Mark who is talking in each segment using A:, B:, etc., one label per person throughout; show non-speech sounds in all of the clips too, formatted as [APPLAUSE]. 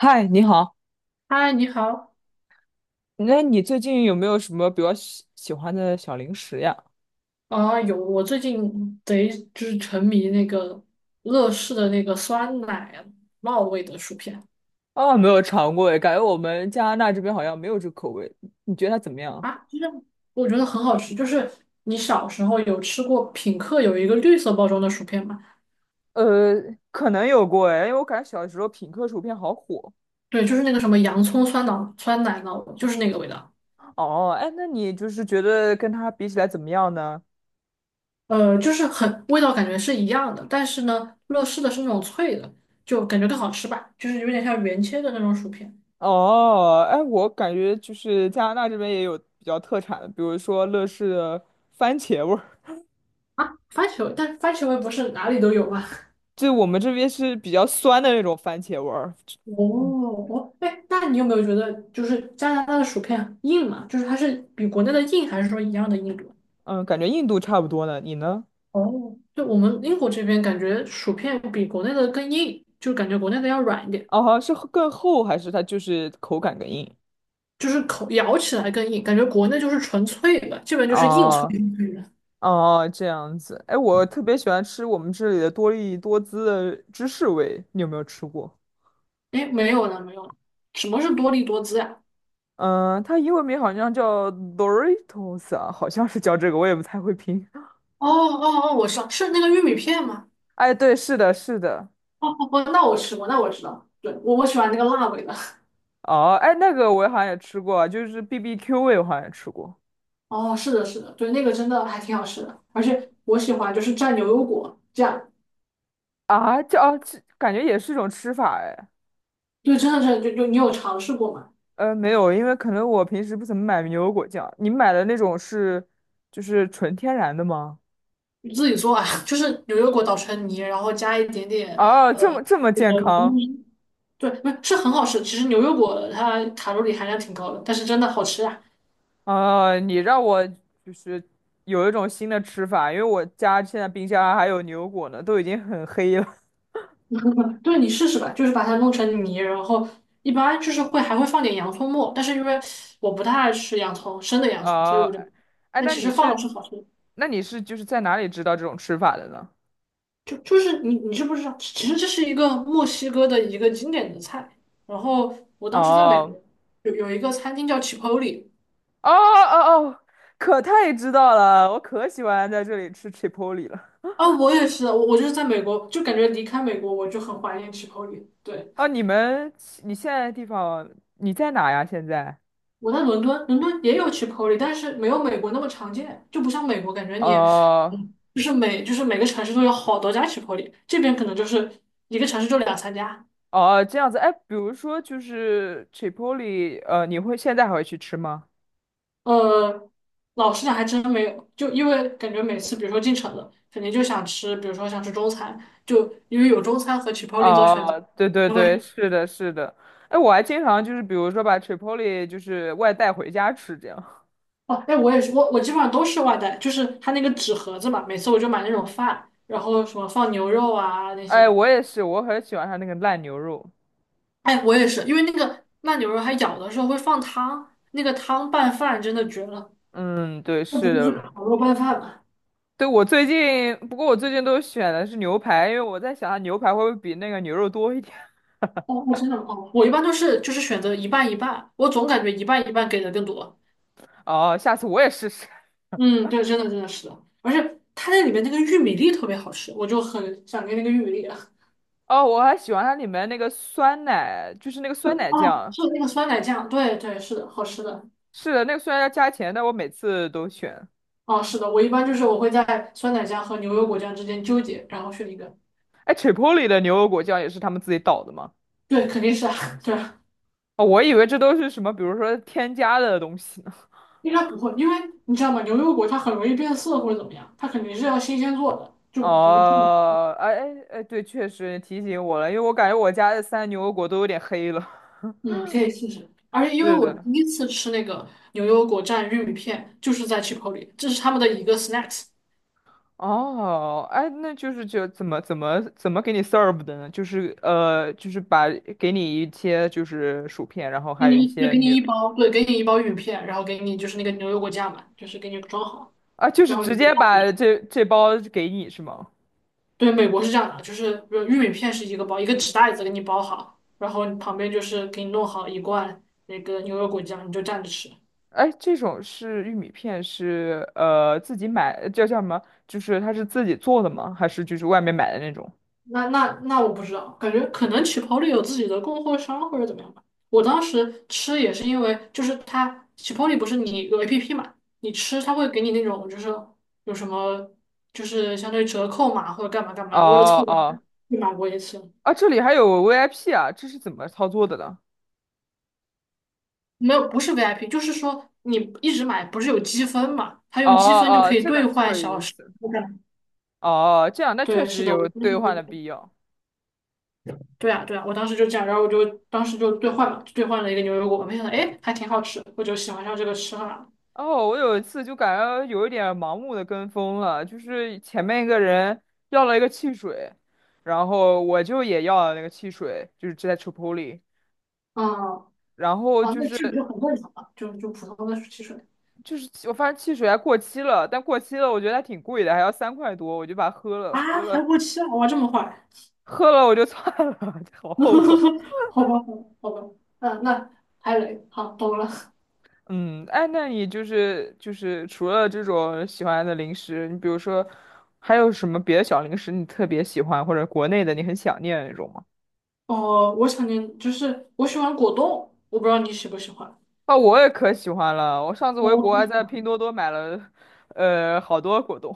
A: 嗨，你好，
B: 嗨，你好
A: 那你最近有没有什么比较喜欢的小零食呀？
B: 啊！有，我最近贼就是沉迷那个乐事的那个酸奶酪味的薯片
A: 啊，没有尝过诶，感觉我们加拿大这边好像没有这口味，你觉得它怎么样？
B: 啊，就是我觉得很好吃。就是你小时候有吃过品客有一个绿色包装的薯片吗？
A: 呃，可能有过哎，因为我感觉小时候品客薯片好火。
B: 对，就是那个什么洋葱酸奶酪，就是那个味道。
A: 哦，哎，那你就是觉得跟它比起来怎么样呢？
B: 就是很味道感觉是一样的，但是呢，乐事的是那种脆的，就感觉更好吃吧，就是有点像原切的那种薯片
A: 哦，哎，我感觉就是加拿大这边也有比较特产的，比如说乐事的番茄味儿，
B: 啊。番茄味，但是番茄味不是哪里都有吗？
A: 就我们这边是比较酸的那种番茄味儿。
B: 哦，哦，哎，那你有没有觉得，就是加拿大的薯片硬嘛？就是它是比国内的硬，还是说一样的硬度？
A: 嗯，感觉印度差不多呢，你呢？
B: 哦，就我们英国这边感觉薯片比国内的更硬，就感觉国内的要软一点，
A: 哦，好像是更厚还是它就是口感更硬？
B: 就是口咬起来更硬，感觉国内就是纯粹的，这边就是硬脆
A: 哦
B: 的。
A: 哦，这样子。哎，我特别喜欢吃我们这里的多利多滋的芝士味，你有没有吃过？
B: 哎，没有了，没有了，什么是多利多滋呀、
A: 嗯，它英文名好像叫 Doritos 啊，好像是叫这个，我也不太会拼。[LAUGHS]
B: 哦哦哦，我知道，是那个玉米片吗？
A: 哎，对，是的，是的。
B: 哦哦哦，那我吃过，那我知道，对，我喜欢那个辣味的。
A: 哦，哎，那个我好像也吃过啊就是 BBQ 味，我好像也吃过
B: 哦，是的，是的，对，那个真的还挺好吃的，而且我喜欢就是蘸牛油果这样，
A: 啊，这感觉也是一种吃法哎。
B: 对，真的是就你有尝试过吗？
A: 没有，因为可能我平时不怎么买牛油果酱。你买的那种是就是纯天然的吗？
B: 你自己做啊，[LAUGHS] 就是牛油果捣成泥，然后加一点点
A: 啊，这么
B: 那
A: 健
B: 个柠
A: 康
B: 檬对，不是是很好吃。其实牛油果它卡路里含量挺高的，但是真的好吃啊。
A: 啊！你让我就是有一种新的吃法，因为我家现在冰箱啊还有牛油果呢，都已经很黑了。
B: [LAUGHS] 对，你试试吧，就是把它弄成泥，然后一般就是会还会放点洋葱末，但是因为我不太爱吃洋葱，生的
A: [LAUGHS]
B: 洋葱，所以
A: 啊，
B: 我就
A: 哎，
B: 那
A: 那
B: 其
A: 你
B: 实放了
A: 是
B: 是好吃的。
A: 那你是就是在哪里知道这种吃法的呢？
B: 就是你知不知道？其实这是一个墨西哥的一个经典的菜。然后我当时在美
A: 哦
B: 国有一个餐厅叫 Chipotle
A: 哦哦哦，可太知道了，我可喜欢在这里吃 Chipotle 了。
B: 啊，我也是，我就是在美国，就感觉离开美国我就很怀念 Chipotle。对，
A: 啊，你现在的地方你在哪呀？现在？
B: 我在伦敦，伦敦也有 Chipotle，但是没有美国那么常见，就不像美国感觉你，
A: 哦
B: 嗯，就是每个城市都有好多家 Chipotle，这边可能就是一个城市就两三家。
A: 哦，这样子。哎，比如说就是 t r i p o l i 现在还会去吃吗？
B: 呃，老实讲还真没有，就因为感觉每次比如说进城了，肯定就想吃，比如说想吃中餐，就因为有中餐和 c h i 做选择，
A: 哦，对对
B: 就会
A: 对，
B: 想
A: 是的，是的。哎，我还经常就是比如说把 t r i p o l i 就是外带回家吃这样。
B: 哦，哎，我也是，我基本上都是外带，就是它那个纸盒子嘛，每次我就买那种饭，然后什么放牛肉啊那些，
A: 哎，我也是，我很喜欢它那个烂牛肉。
B: 哎，我也是，因为那个慢牛肉它咬的时候会放汤，那个汤拌饭真的绝了，
A: 嗯，对，
B: 那不
A: 是
B: 就
A: 的，
B: 是烤肉拌饭吗？
A: 对，我最近，不过我最近都选的是牛排，因为我在想它牛排会不会比那个牛肉多一点。
B: 哦，真的吗哦，我一般都是就是选择一半一半，我总感觉一半一半给的更多。
A: [LAUGHS] 哦，下次我也试试。
B: 嗯，对，真的真的是的，而且它那里面那个玉米粒特别好吃，我就很想念那个玉米粒啊。
A: 哦，我还喜欢它里面那个酸奶，就是那个酸奶
B: 哦，
A: 酱。
B: 是那个酸奶酱，对对，是的，好吃的。
A: 是的，那个虽然要加钱，但我每次都选。
B: 哦，是的，我一般就是我会在酸奶酱和牛油果酱之间纠结，然后选一个。
A: 哎，Chipotle 的牛油果酱也是他们自己倒的吗？
B: 对，肯定是啊，[LAUGHS] 对，
A: 哦，我以为这都是什么，比如说添加的东西呢。
B: 应该不会，因为你知道吗？牛油果它很容易变色或者怎么样，它肯定是要新鲜做的，
A: [LAUGHS]
B: 就不至于。
A: 哦，哎哎哎，对，确实提醒我了，因为我感觉我家的三牛油果都有点黑了。[LAUGHS]
B: 嗯，可以试试。而且因为
A: 是
B: 我
A: 的。
B: 第一次吃那个牛油果蘸玉米片，就是在 Chipotle，这是他们的一个 snacks。
A: 哦，哎，那就是怎么给你 serve 的呢？就是把给你一些就是薯片，然后
B: 给
A: 还有一
B: 你就
A: 些
B: 给你
A: 牛
B: 一包，对，给你一包玉米片，然后给你就是那个牛油果酱嘛，就是给你装好，
A: 啊，就是
B: 然后你
A: 直
B: 就带
A: 接把
B: 着。
A: 这包给你是吗？
B: 对，美国是这样的，就是比如玉米片是一个包，一个纸袋子给你包好，然后旁边就是给你弄好一罐那个牛油果酱，你就蘸着吃。
A: 哎，这种是玉米片是自己买，叫什么？就是它是自己做的吗？还是就是外面买的那种？
B: 那我不知道，感觉可能起泡里有自己的供货商或者怎么样吧。我当时吃也是因为，就是它起泡里不是你有 APP 嘛，你吃它会给你那种就是有什么就是相当于折扣嘛或者干嘛干嘛的，为了凑
A: 哦
B: 点儿
A: 哦
B: 去买过一次。
A: 啊，这里还有 VIP 啊，这是怎么操作的呢？
B: 没有，不是 VIP，就是说你一直买不是有积分嘛，它
A: 哦
B: 用积分就
A: 哦，
B: 可以
A: 这
B: 兑
A: 个这
B: 换
A: 个
B: 小
A: 意
B: 时。
A: 思。哦，这样那确
B: 对，是
A: 实
B: 的，我
A: 有
B: 就
A: 兑换的
B: 是。
A: 必要。
B: 对啊，对啊，我当时就这样，然后我就当时就兑换了，就兑换了一个牛油果，没想到哎还挺好吃，我就喜欢上这个吃法了。
A: 哦，我有一次就感觉有一点盲目的跟风了，就是前面一个人要了一个汽水，然后我就也要了那个汽水，就是在 c h i
B: 嗯，
A: 然后
B: 哦，
A: 就
B: 那
A: 是
B: 这个就很正常了，就就普通的汽水
A: 就是我发现汽水还过期了，但过期了我觉得还挺贵的，还要3块多，我就把它喝了，
B: 啊，
A: 喝
B: 还
A: 了
B: 过期了，哇，这么坏，
A: 喝了我就算了，[LAUGHS] 好后悔。
B: [LAUGHS] 好吧，好吧，好吧，嗯，那还雷，好，懂了。
A: 嗯，哎，那你就是除了这种喜欢的零食，你比如说还有什么别的小零食你特别喜欢，或者国内的你很想念的那种吗？
B: 哦，我想念就是我喜欢果冻，我不知道你喜不喜欢。
A: 啊，我也可喜欢了，我上次回
B: 我
A: 国
B: 同
A: 还
B: 事
A: 在拼多多买了，好多果冻，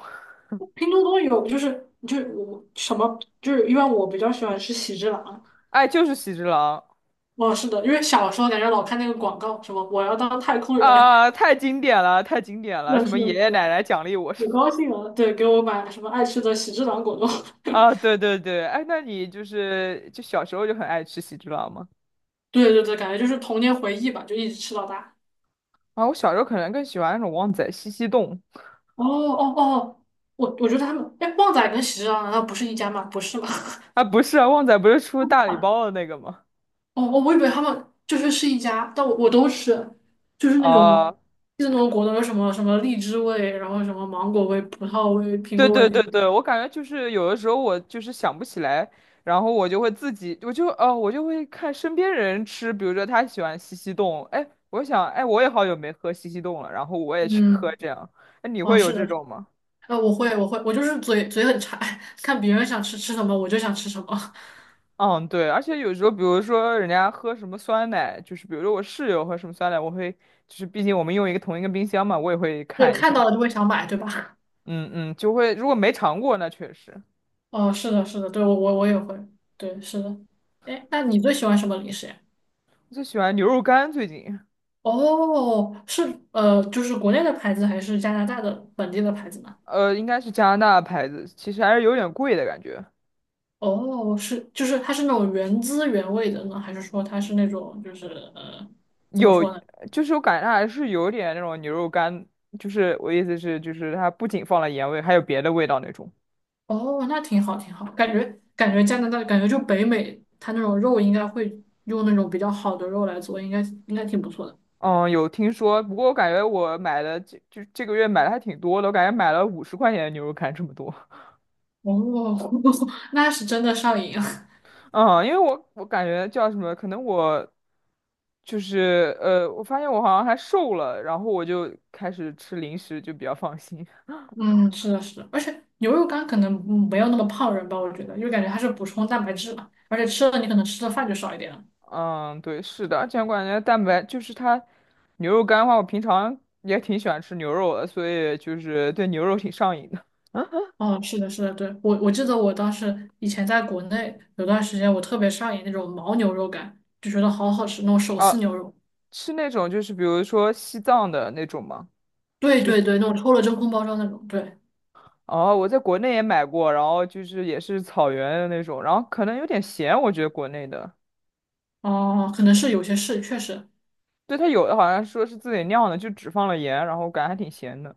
B: 拼多多有，就是就我什么就是因为我比较喜欢吃喜之郎，
A: 哎，就是喜之郎
B: 哦，是的，因为小时候感觉老看那个广告，什么我要当太空人，
A: 啊，太经典了，太经典
B: [LAUGHS]
A: 了，
B: 那
A: 什
B: 是
A: 么
B: 的，
A: 爷
B: 是
A: 爷
B: 的，
A: 奶奶奖励我。
B: 可高兴了。对，给我买什么爱吃的喜之郎果冻。
A: 啊，
B: [LAUGHS]
A: 对对对，哎，那你就是小时候就很爱吃喜之郎吗？
B: 对对对，感觉就是童年回忆吧，就一直吃到大。
A: 啊，我小时候可能更喜欢那种旺仔西西冻，
B: 哦哦哦，我觉得他们，哎，旺仔跟喜之郎难道不是一家吗？不是吧？[LAUGHS]
A: 啊，不是啊，旺仔不是出大礼
B: 啊
A: 包的那个吗？
B: 哦哦，我以为他们就是是一家，但我都吃，就是那种
A: 啊，
B: 就是那种果冻，有什么什么荔枝味，然后什么芒果味、葡萄味、苹
A: 对
B: 果味
A: 对
B: 的。
A: 对对，我感觉就是有的时候我就是想不起来，然后我就会自己，我就会看身边人吃，比如说他喜欢西西冻，哎，我想，哎，我也好久没喝西西冻了，然后我也去喝
B: 嗯，
A: 这样，哎，你
B: 啊，
A: 会有
B: 是
A: 这
B: 的。
A: 种吗？
B: 我会，我会，我就是嘴很馋，[LAUGHS] 看别人想吃吃什么，我就想吃什么，
A: 嗯，对，而且有时候，比如说人家喝什么酸奶，就是比如说我室友喝什么酸奶，我会就是毕竟我们用同一个冰箱嘛，我也会
B: [LAUGHS] 就
A: 看一
B: 看
A: 下。
B: 到了就会想买，对吧？
A: 嗯嗯，就会如果没尝过，那确实。
B: [LAUGHS] 哦，是的，是的，对，我也会，对，是的。哎，那你最喜欢什么零食呀？
A: 我最喜欢牛肉干，最近
B: 哦，是就是国内的牌子还是加拿大的本地的牌子呢？
A: 应该是加拿大牌子，其实还是有点贵的感觉。
B: 哦，是，就是它是那种原汁原味的呢，还是说它是那种就是呃，怎么
A: 有，
B: 说呢？
A: 就是我感觉它还是有点那种牛肉干，就是我意思是，就是它不仅放了盐味，还有别的味道那种。
B: 哦，那挺好，挺好。感觉感觉加拿大，感觉就北美，它那种肉应该会用那种比较好的肉来做，应该应该挺不错的。
A: 嗯，有听说，不过我感觉我买的这个月买的还挺多的，我感觉买了50块钱的牛肉干这么多。
B: 哦，[LAUGHS] 那是真的上瘾。[LAUGHS] 啊！
A: 嗯，因为我感觉叫什么，可能我就是我发现我好像还瘦了，然后我就开始吃零食，就比较放心。
B: 嗯，是的，是的，而且牛肉干可能嗯没有那么胖人吧，我觉得，因为感觉它是补充蛋白质嘛，而且吃了你可能吃的饭就少一点了。
A: 嗯，对，是的，而且我感觉蛋白就是它牛肉干的话，我平常也挺喜欢吃牛肉的，所以就是对牛肉挺上瘾的。
B: 哦，是的，是的，对，我记得我当时以前在国内有段时间，我特别上瘾那种牦牛肉干，就觉得好好吃，那种手撕
A: 啊，
B: 牛肉，
A: 吃那种就是比如说西藏的那种嘛，
B: 对
A: 就
B: 对对，那种抽了真空包装那种，对。
A: 哦，我在国内也买过，然后就是也是草原的那种，然后可能有点咸，我觉得国内的。
B: 哦，可能是有些是，确实，
A: 对，它有的好像说是自己酿的，就只放了盐，然后感觉还挺咸的。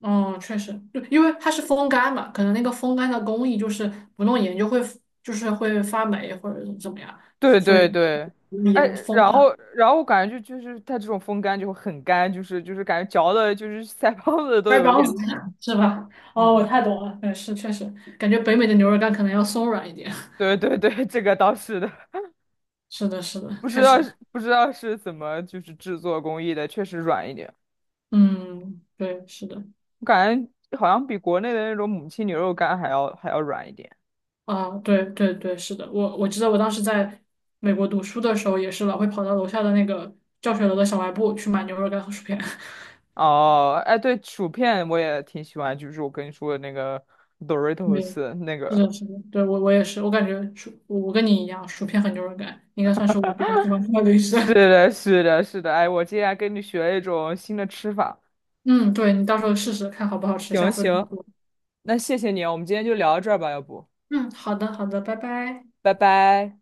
B: 哦，确实，就因为它是风干嘛，可能那个风干的工艺就是不弄盐就会就是会发霉或者怎么样，
A: 对对对，哎，
B: 盐风
A: 然后
B: 上，
A: 然后我感觉就是它这种风干就会很干，就是感觉嚼的，就是 [LAUGHS] 腮帮子都
B: 腮
A: 有
B: 帮
A: 点
B: 子
A: 累。
B: [LAUGHS] 是吧？哦，我
A: 嗯嗯，
B: 太懂了，嗯，是确实，感觉北美的牛肉干可能要松软一点。
A: 对对对，这个倒是的，
B: [LAUGHS] 是的，是的，
A: 不知
B: 确
A: 道
B: 实，
A: 是不知道是怎么就是制作工艺的，确实软一点，
B: 嗯，对，是的，
A: 我感觉好像比国内的那种母亲牛肉干还要软一点。
B: 啊，对对对，是的，我记得我当时在美国读书的时候也是老会跑到楼下的那个教学楼的小卖部去买牛肉干和薯片。
A: 哦，哎，对，薯片我也挺喜欢，就是我跟你说的那个 Doritos 那
B: [LAUGHS] 是
A: 个。
B: 的，是的，对，我也是，我感觉薯，我跟你一样，薯片和牛肉干应该算是我比较喜欢吃的零食。
A: 是
B: [LAUGHS]
A: 的，是的，是的，哎，我今天还跟你学了一种新的吃法。
B: 嗯，对，你到时候试试看好不好吃，下
A: 行
B: 次告
A: 行，
B: 诉我。
A: 那谢谢你啊我们今天就聊到这儿吧，要不，
B: 嗯，好的，好的，拜拜。
A: 拜拜。